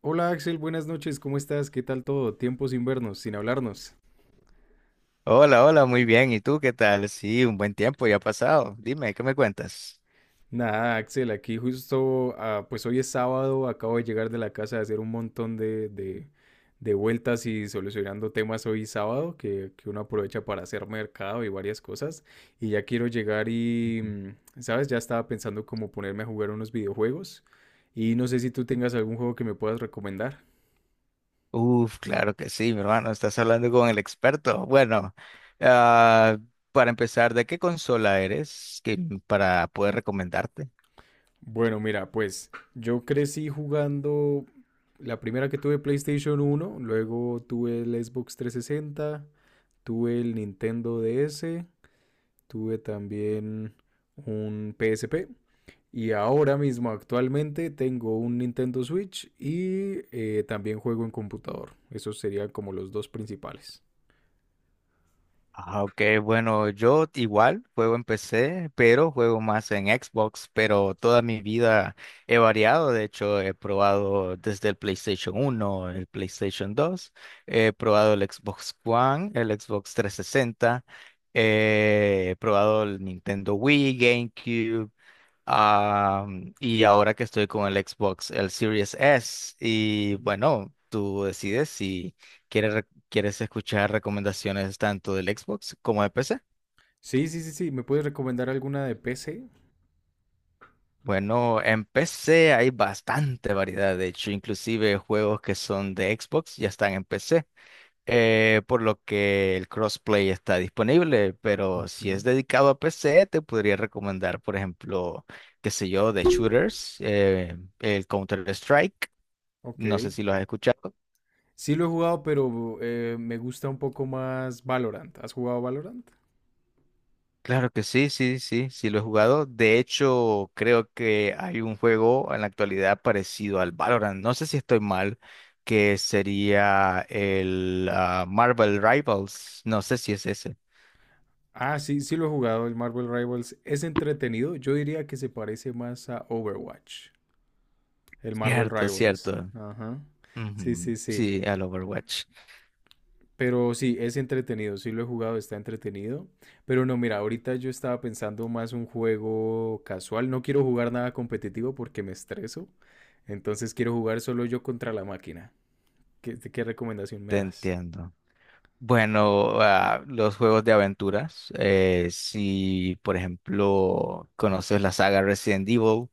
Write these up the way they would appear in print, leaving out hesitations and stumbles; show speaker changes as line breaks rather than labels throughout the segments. Hola Axel, buenas noches, ¿cómo estás? ¿Qué tal todo? Tiempo sin vernos, sin hablarnos.
Hola, hola, muy bien. ¿Y tú qué tal? Sí, un buen tiempo ya ha pasado. Dime, ¿qué me cuentas?
Nada, Axel, aquí justo, pues hoy es sábado, acabo de llegar de la casa de hacer un montón de de vueltas y solucionando temas hoy sábado, que uno aprovecha para hacer mercado y varias cosas. Y ya quiero llegar y, ¿sabes? Ya estaba pensando como ponerme a jugar unos videojuegos. Y no sé si tú tengas algún juego que me puedas recomendar.
Uf, claro que sí, mi hermano, estás hablando con el experto. Bueno, ah, para empezar, ¿de qué consola eres que- ¿para poder recomendarte?
Bueno, mira, pues yo crecí jugando la primera que tuve PlayStation uno, luego tuve el Xbox 360, tuve el Nintendo DS, tuve también un PSP y ahora mismo actualmente tengo un Nintendo Switch y también juego en computador. Esos serían como los dos principales.
Ah, ok, bueno, yo igual juego en PC, pero juego más en Xbox, pero toda mi vida he variado, de hecho he probado desde el PlayStation uno, el PlayStation 2, he probado el Xbox One, el Xbox 360, he probado el Nintendo Wii, GameCube. Ah, y ahora que estoy con el Xbox, el Series S. Y
Ujú.
bueno, tú decides si quieres escuchar recomendaciones tanto del Xbox como de PC.
Sí, sí, sí, sí. ¿Me puedes recomendar alguna de PC?
Bueno, en PC hay bastante variedad, de hecho, inclusive juegos que son de Xbox ya están en PC, por lo que el crossplay está disponible, pero si
Ujú.
es dedicado a PC, te podría recomendar, por ejemplo, qué sé yo, de shooters, el Counter-Strike. No
Ok.
sé si lo has escuchado.
Sí lo he jugado, pero me gusta un poco más Valorant. ¿Has jugado Valorant?
Claro que sí, sí, sí, sí lo he jugado. De hecho, creo que hay un juego en la actualidad parecido al Valorant. No sé si estoy mal, que sería el Marvel Rivals. No sé si es ese.
Ah, sí, sí lo he jugado, el Marvel Rivals. Es entretenido. Yo diría que se parece más a Overwatch, el Marvel
Cierto,
Rivals.
cierto.
Ajá. Sí,
Ujú,
sí, sí.
sí, al Overwatch.
Pero sí, es entretenido. Sí lo he jugado, está entretenido. Pero no, mira, ahorita yo estaba pensando más un juego casual. No quiero jugar nada competitivo porque me estreso. Entonces quiero jugar solo yo contra la máquina. ¿Qué recomendación me
Te
das?
entiendo. Bueno, los juegos de aventuras. Si, por ejemplo, conoces la saga Resident Evil.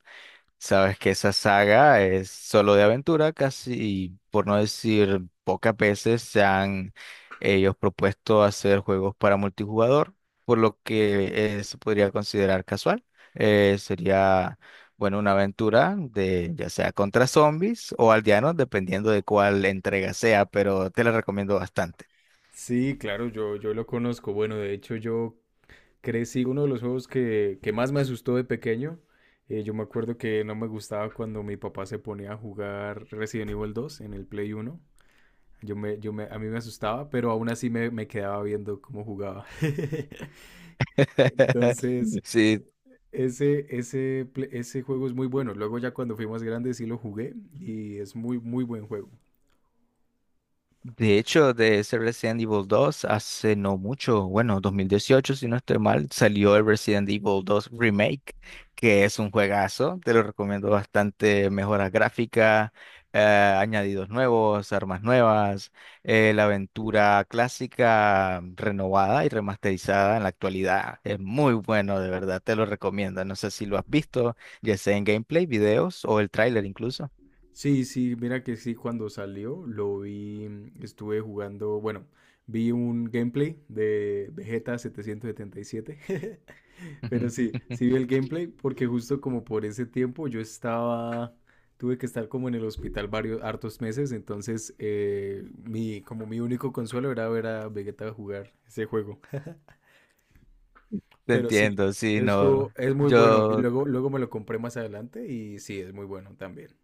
Sabes que esa saga es solo de aventura, casi, por no decir pocas veces, se han ellos propuesto hacer juegos para multijugador, por lo que se podría considerar casual. Eh, sería, bueno, una aventura de ya sea contra zombies o aldeanos, dependiendo de cuál entrega sea, pero te la recomiendo bastante.
Sí, claro, yo lo conozco. Bueno, de hecho, yo crecí uno de los juegos que más me asustó de pequeño. Yo me acuerdo que no me gustaba cuando mi papá se ponía a jugar Resident Evil dos en el Play uno. A mí me asustaba, pero aún así me quedaba viendo cómo jugaba. Entonces,
Sí,
ese juego es muy bueno. Luego ya cuando fui más grande sí lo jugué y es muy, muy buen juego.
de hecho, de ese Resident Evil 2, hace no mucho, bueno, 2018, si no estoy mal, salió el Resident Evil 2 Remake, que es un juegazo, te lo recomiendo bastante, mejoras gráficas, añadidos nuevos, armas nuevas, la aventura clásica renovada y remasterizada en la actualidad. Es muy bueno, de verdad, te lo recomiendo. No sé si lo has visto, ya sea en gameplay, videos o el tráiler incluso.
Sí, sí, mira que sí, cuando salió lo vi, estuve jugando, bueno, vi un gameplay de Vegeta 777, pero sí, sí vi el gameplay porque justo como por ese tiempo yo estaba, tuve que estar como en el hospital varios, hartos meses, entonces mi, como mi único consuelo era ver a Vegeta jugar ese juego,
Te
pero sí,
entiendo, sí,
esto
no.
es muy bueno y luego, luego me lo compré más adelante y sí, es muy bueno también.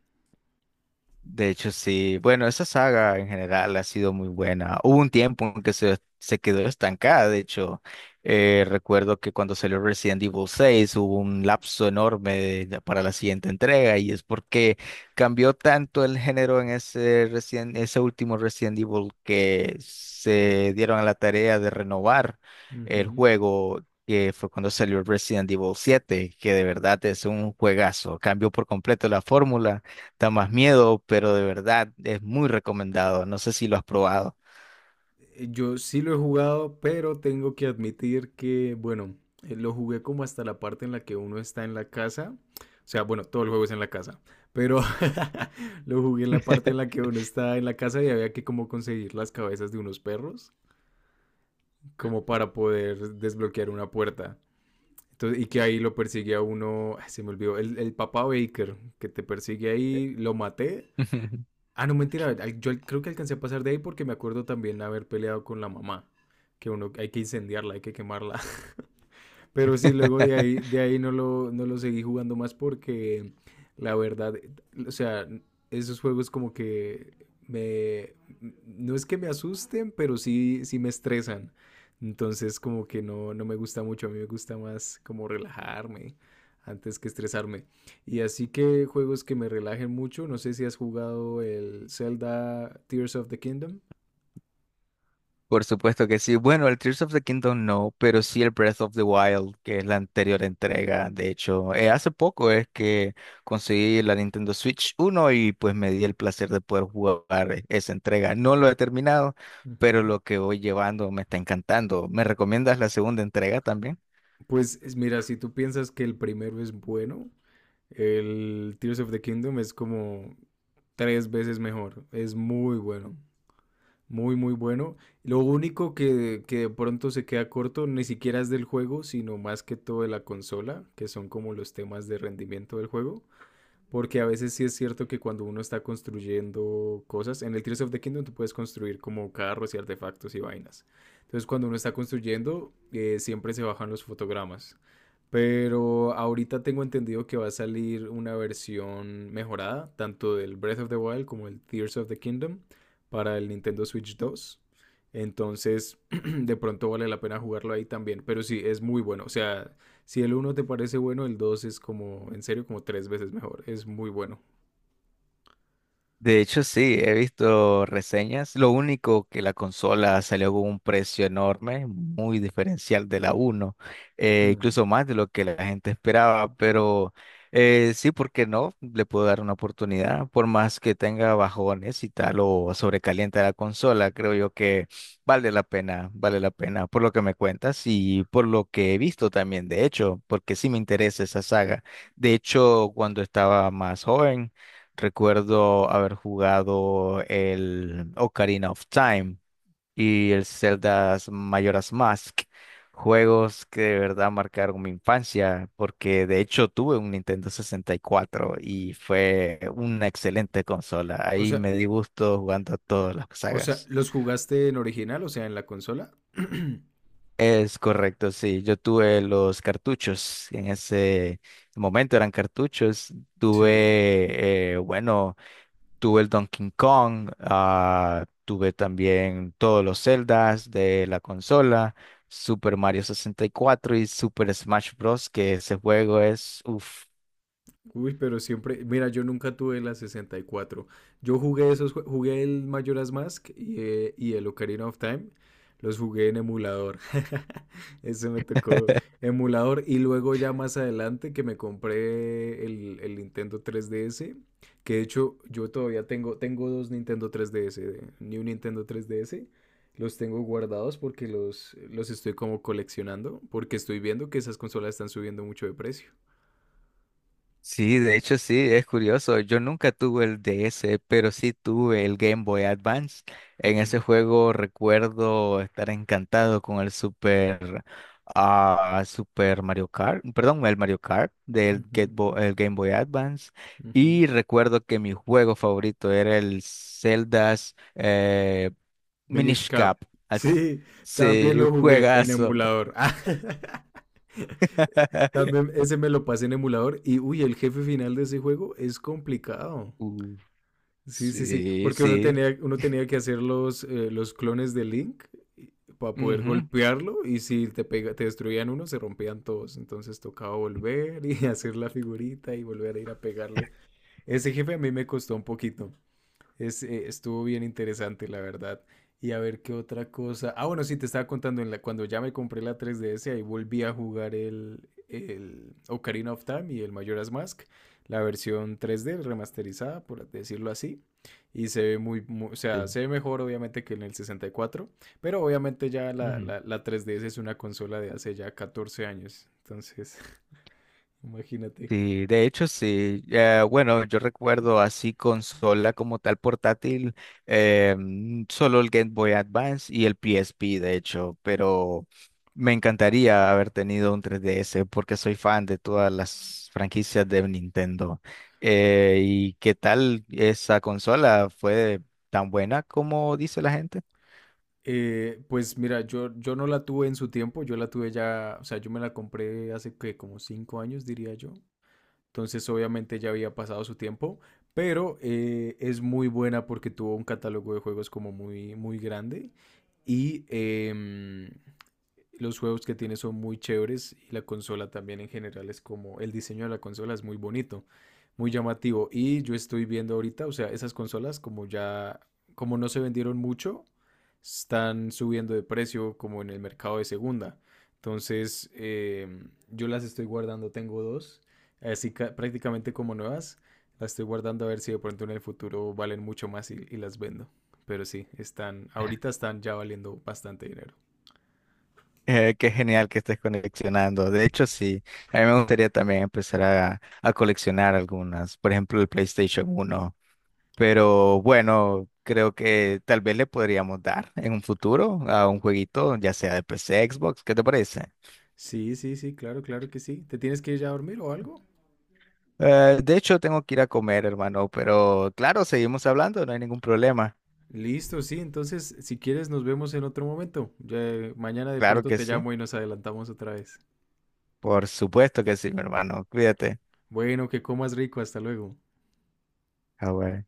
De hecho, sí. Bueno, esa saga en general ha sido muy buena. Hubo un tiempo en que se quedó estancada. De hecho, recuerdo que cuando salió Resident Evil 6 hubo un lapso enorme para la siguiente entrega y es porque cambió tanto el género en ese último Resident Evil, que se dieron a la tarea de renovar el
Ujú.
juego. Que fue cuando salió Resident Evil 7, que de verdad es un juegazo, cambió por completo la fórmula. Da más miedo, pero de verdad es muy recomendado. No sé si lo has probado.
Yo sí lo he jugado, pero tengo que admitir que, bueno, lo jugué como hasta la parte en la que uno está en la casa. O sea, bueno, todo el juego es en la casa, pero lo jugué en la parte en la que uno está en la casa y había que como conseguir las cabezas de unos perros, como para poder desbloquear una puerta. Entonces, y que ahí lo persigue a uno, ay, se me olvidó, el papá Baker, que te persigue ahí, lo maté. Ah, no, mentira. Creo que alcancé a pasar de ahí porque me acuerdo también haber peleado con la mamá. Que uno hay que incendiarla, hay que quemarla. Pero sí, luego de ahí no lo, no lo seguí jugando más porque la verdad, o sea, esos juegos como que me, no es que me asusten, pero sí, sí me estresan. Entonces como que no, no me gusta mucho, a mí me gusta más como relajarme antes que estresarme. Y así que juegos que me relajen mucho, no sé si has jugado el Zelda Tears of the Kingdom.
Por supuesto que sí. Bueno, el Tears of the Kingdom no, pero sí el Breath of the Wild, que es la anterior entrega. De hecho, hace poco es que conseguí la Nintendo Switch uno y pues me di el placer de poder jugar esa entrega. No lo he terminado,
Ujú.
pero lo que voy llevando me está encantando. ¿Me recomiendas la segunda entrega también?
Pues mira, si tú piensas que el primero es bueno, el Tears of the Kingdom es como tres veces mejor. Es muy bueno. Muy, muy bueno. Lo único que de pronto se queda corto ni siquiera es del juego, sino más que todo de la consola, que son como los temas de rendimiento del juego. Porque a veces sí es cierto que cuando uno está construyendo cosas, en el Tears of the Kingdom tú puedes construir como carros y artefactos y vainas. Entonces cuando uno está construyendo, siempre se bajan los fotogramas. Pero ahorita tengo entendido que va a salir una versión mejorada, tanto del Breath of the Wild como el Tears of the Kingdom, para el Nintendo Switch 2. Entonces, de pronto vale la pena jugarlo ahí también. Pero sí, es muy bueno. O sea, si el uno te parece bueno, el 2 es como, en serio, como tres veces mejor. Es muy bueno.
De hecho, sí, he visto reseñas. Lo único que la consola salió con un precio enorme, muy diferencial de la uno,
Hmm.
incluso más de lo que la gente esperaba, pero sí, ¿por qué no? Le puedo dar una oportunidad, por más que tenga bajones y tal o sobrecaliente la consola, creo yo que vale la pena por lo que me cuentas y por lo que he visto también, de hecho, porque sí me interesa esa saga. De hecho, cuando estaba más joven... Recuerdo haber jugado el Ocarina of Time y el Zelda Majora's Mask, juegos que de verdad marcaron mi infancia, porque de hecho tuve un Nintendo 64 y cuatro y fue una excelente consola.
O
Ahí
sea,
me di gusto jugando a todas las
o sea,
sagas.
¿los jugaste en original? O sea, en la consola.
Es correcto, sí. Yo tuve los cartuchos. En ese momento eran cartuchos.
Sí,
Tuve, bueno. Tuve el Donkey Kong, tuve también todos los Zeldas de la consola, Super Mario 64 y cuatro y Super Smash Bros., que ese juego es uff.
uy, pero siempre, mira, yo nunca tuve la sesenta y cuatro. Yo jugué esos, jugué el Majora's Mask y el Ocarina of Time. Los jugué en emulador. Ese me tocó emulador. Y luego ya más adelante que me compré el Nintendo 3DS. Que de hecho yo todavía tengo, tengo dos Nintendo 3DS. New Nintendo 3DS. Los tengo guardados porque los estoy como coleccionando. Porque estoy viendo que esas consolas están subiendo mucho de precio.
Sí, de hecho sí, es curioso. Yo nunca tuve el DS, pero sí tuve el Game Boy Advance. En ese
Ujú.
juego recuerdo estar encantado con el Super Mario Kart, perdón, el Mario Kart del
Ujú,
El Game Boy Advance.
ujú.
Y recuerdo que mi juego favorito era el Zelda's
Minish
Minish
Cap.
Cap. As-
Sí, también
Sí,
lo jugué en
juegazo.
emulador. Ah, también ese me lo pasé en emulador y uy, el jefe final de ese juego es complicado.
Uh,
Sí, sí, sí,
sí,
porque
sí.
uno tenía que hacer los clones de Link para poder
Ujú,
golpearlo y si te pega, te destruían uno, se rompían todos. Entonces tocaba volver y hacer la figurita y volver a ir a pegarle. Ese jefe a mí me costó un poquito. Es, estuvo bien interesante, la verdad. Y a ver qué otra cosa. Ah, bueno, sí, te estaba contando, cuando ya me compré la 3DS, ahí volví a jugar el Ocarina of Time y el Majora's Mask, la versión 3D remasterizada, por decirlo así. Y se ve muy, o sea,
sí,
se ve mejor obviamente que en el 64, pero obviamente ya
ujú.
la 3DS es una consola de hace ya 14 años. Entonces, imagínate.
Sí, de hecho sí. Bueno, yo recuerdo así consola como tal portátil, solo el Game Boy Advance y el PSP, de hecho, pero me encantaría haber tenido un 3DS porque soy fan de todas las franquicias de Nintendo. ¿Y qué tal esa consola? ¿Fue tan buena como dice la gente?
Pues mira, yo no la tuve en su tiempo, yo la tuve ya, o sea, yo me la compré hace que como 5 años, diría yo. Entonces, obviamente ya había pasado su tiempo, pero es muy buena porque tuvo un catálogo de juegos como muy, muy grande y los juegos que tiene son muy chéveres y la consola también en general es como el diseño de la consola es muy bonito, muy llamativo. Y yo estoy viendo ahorita, o sea, esas consolas como ya, como no se vendieron mucho, están subiendo de precio como en el mercado de segunda. Entonces, yo las estoy guardando, tengo dos, así prácticamente como nuevas. Las estoy guardando a ver si de pronto en el futuro valen mucho más y las vendo. Pero sí, están, ahorita están ya valiendo bastante dinero.
Qué genial que estés coleccionando. De hecho, sí, a mí me gustaría también empezar a coleccionar algunas, por ejemplo, el PlayStation uno. Pero bueno, creo que tal vez le podríamos dar en un futuro a un jueguito, ya sea de PC, Xbox, ¿qué te parece?
Sí, sí, sí, claro, claro que sí. ¿Te tienes que ir ya a dormir o algo?
De hecho, tengo que ir a comer, hermano, pero claro, seguimos hablando, no hay ningún problema.
Listo, sí. Entonces, si quieres, nos vemos en otro momento. Ya, mañana de
Claro
pronto
que
te
sí,
llamo y nos adelantamos otra vez.
por supuesto que sí, mi hermano, cuídate.
Bueno, que comas rico. Hasta luego.
Ah, bueno.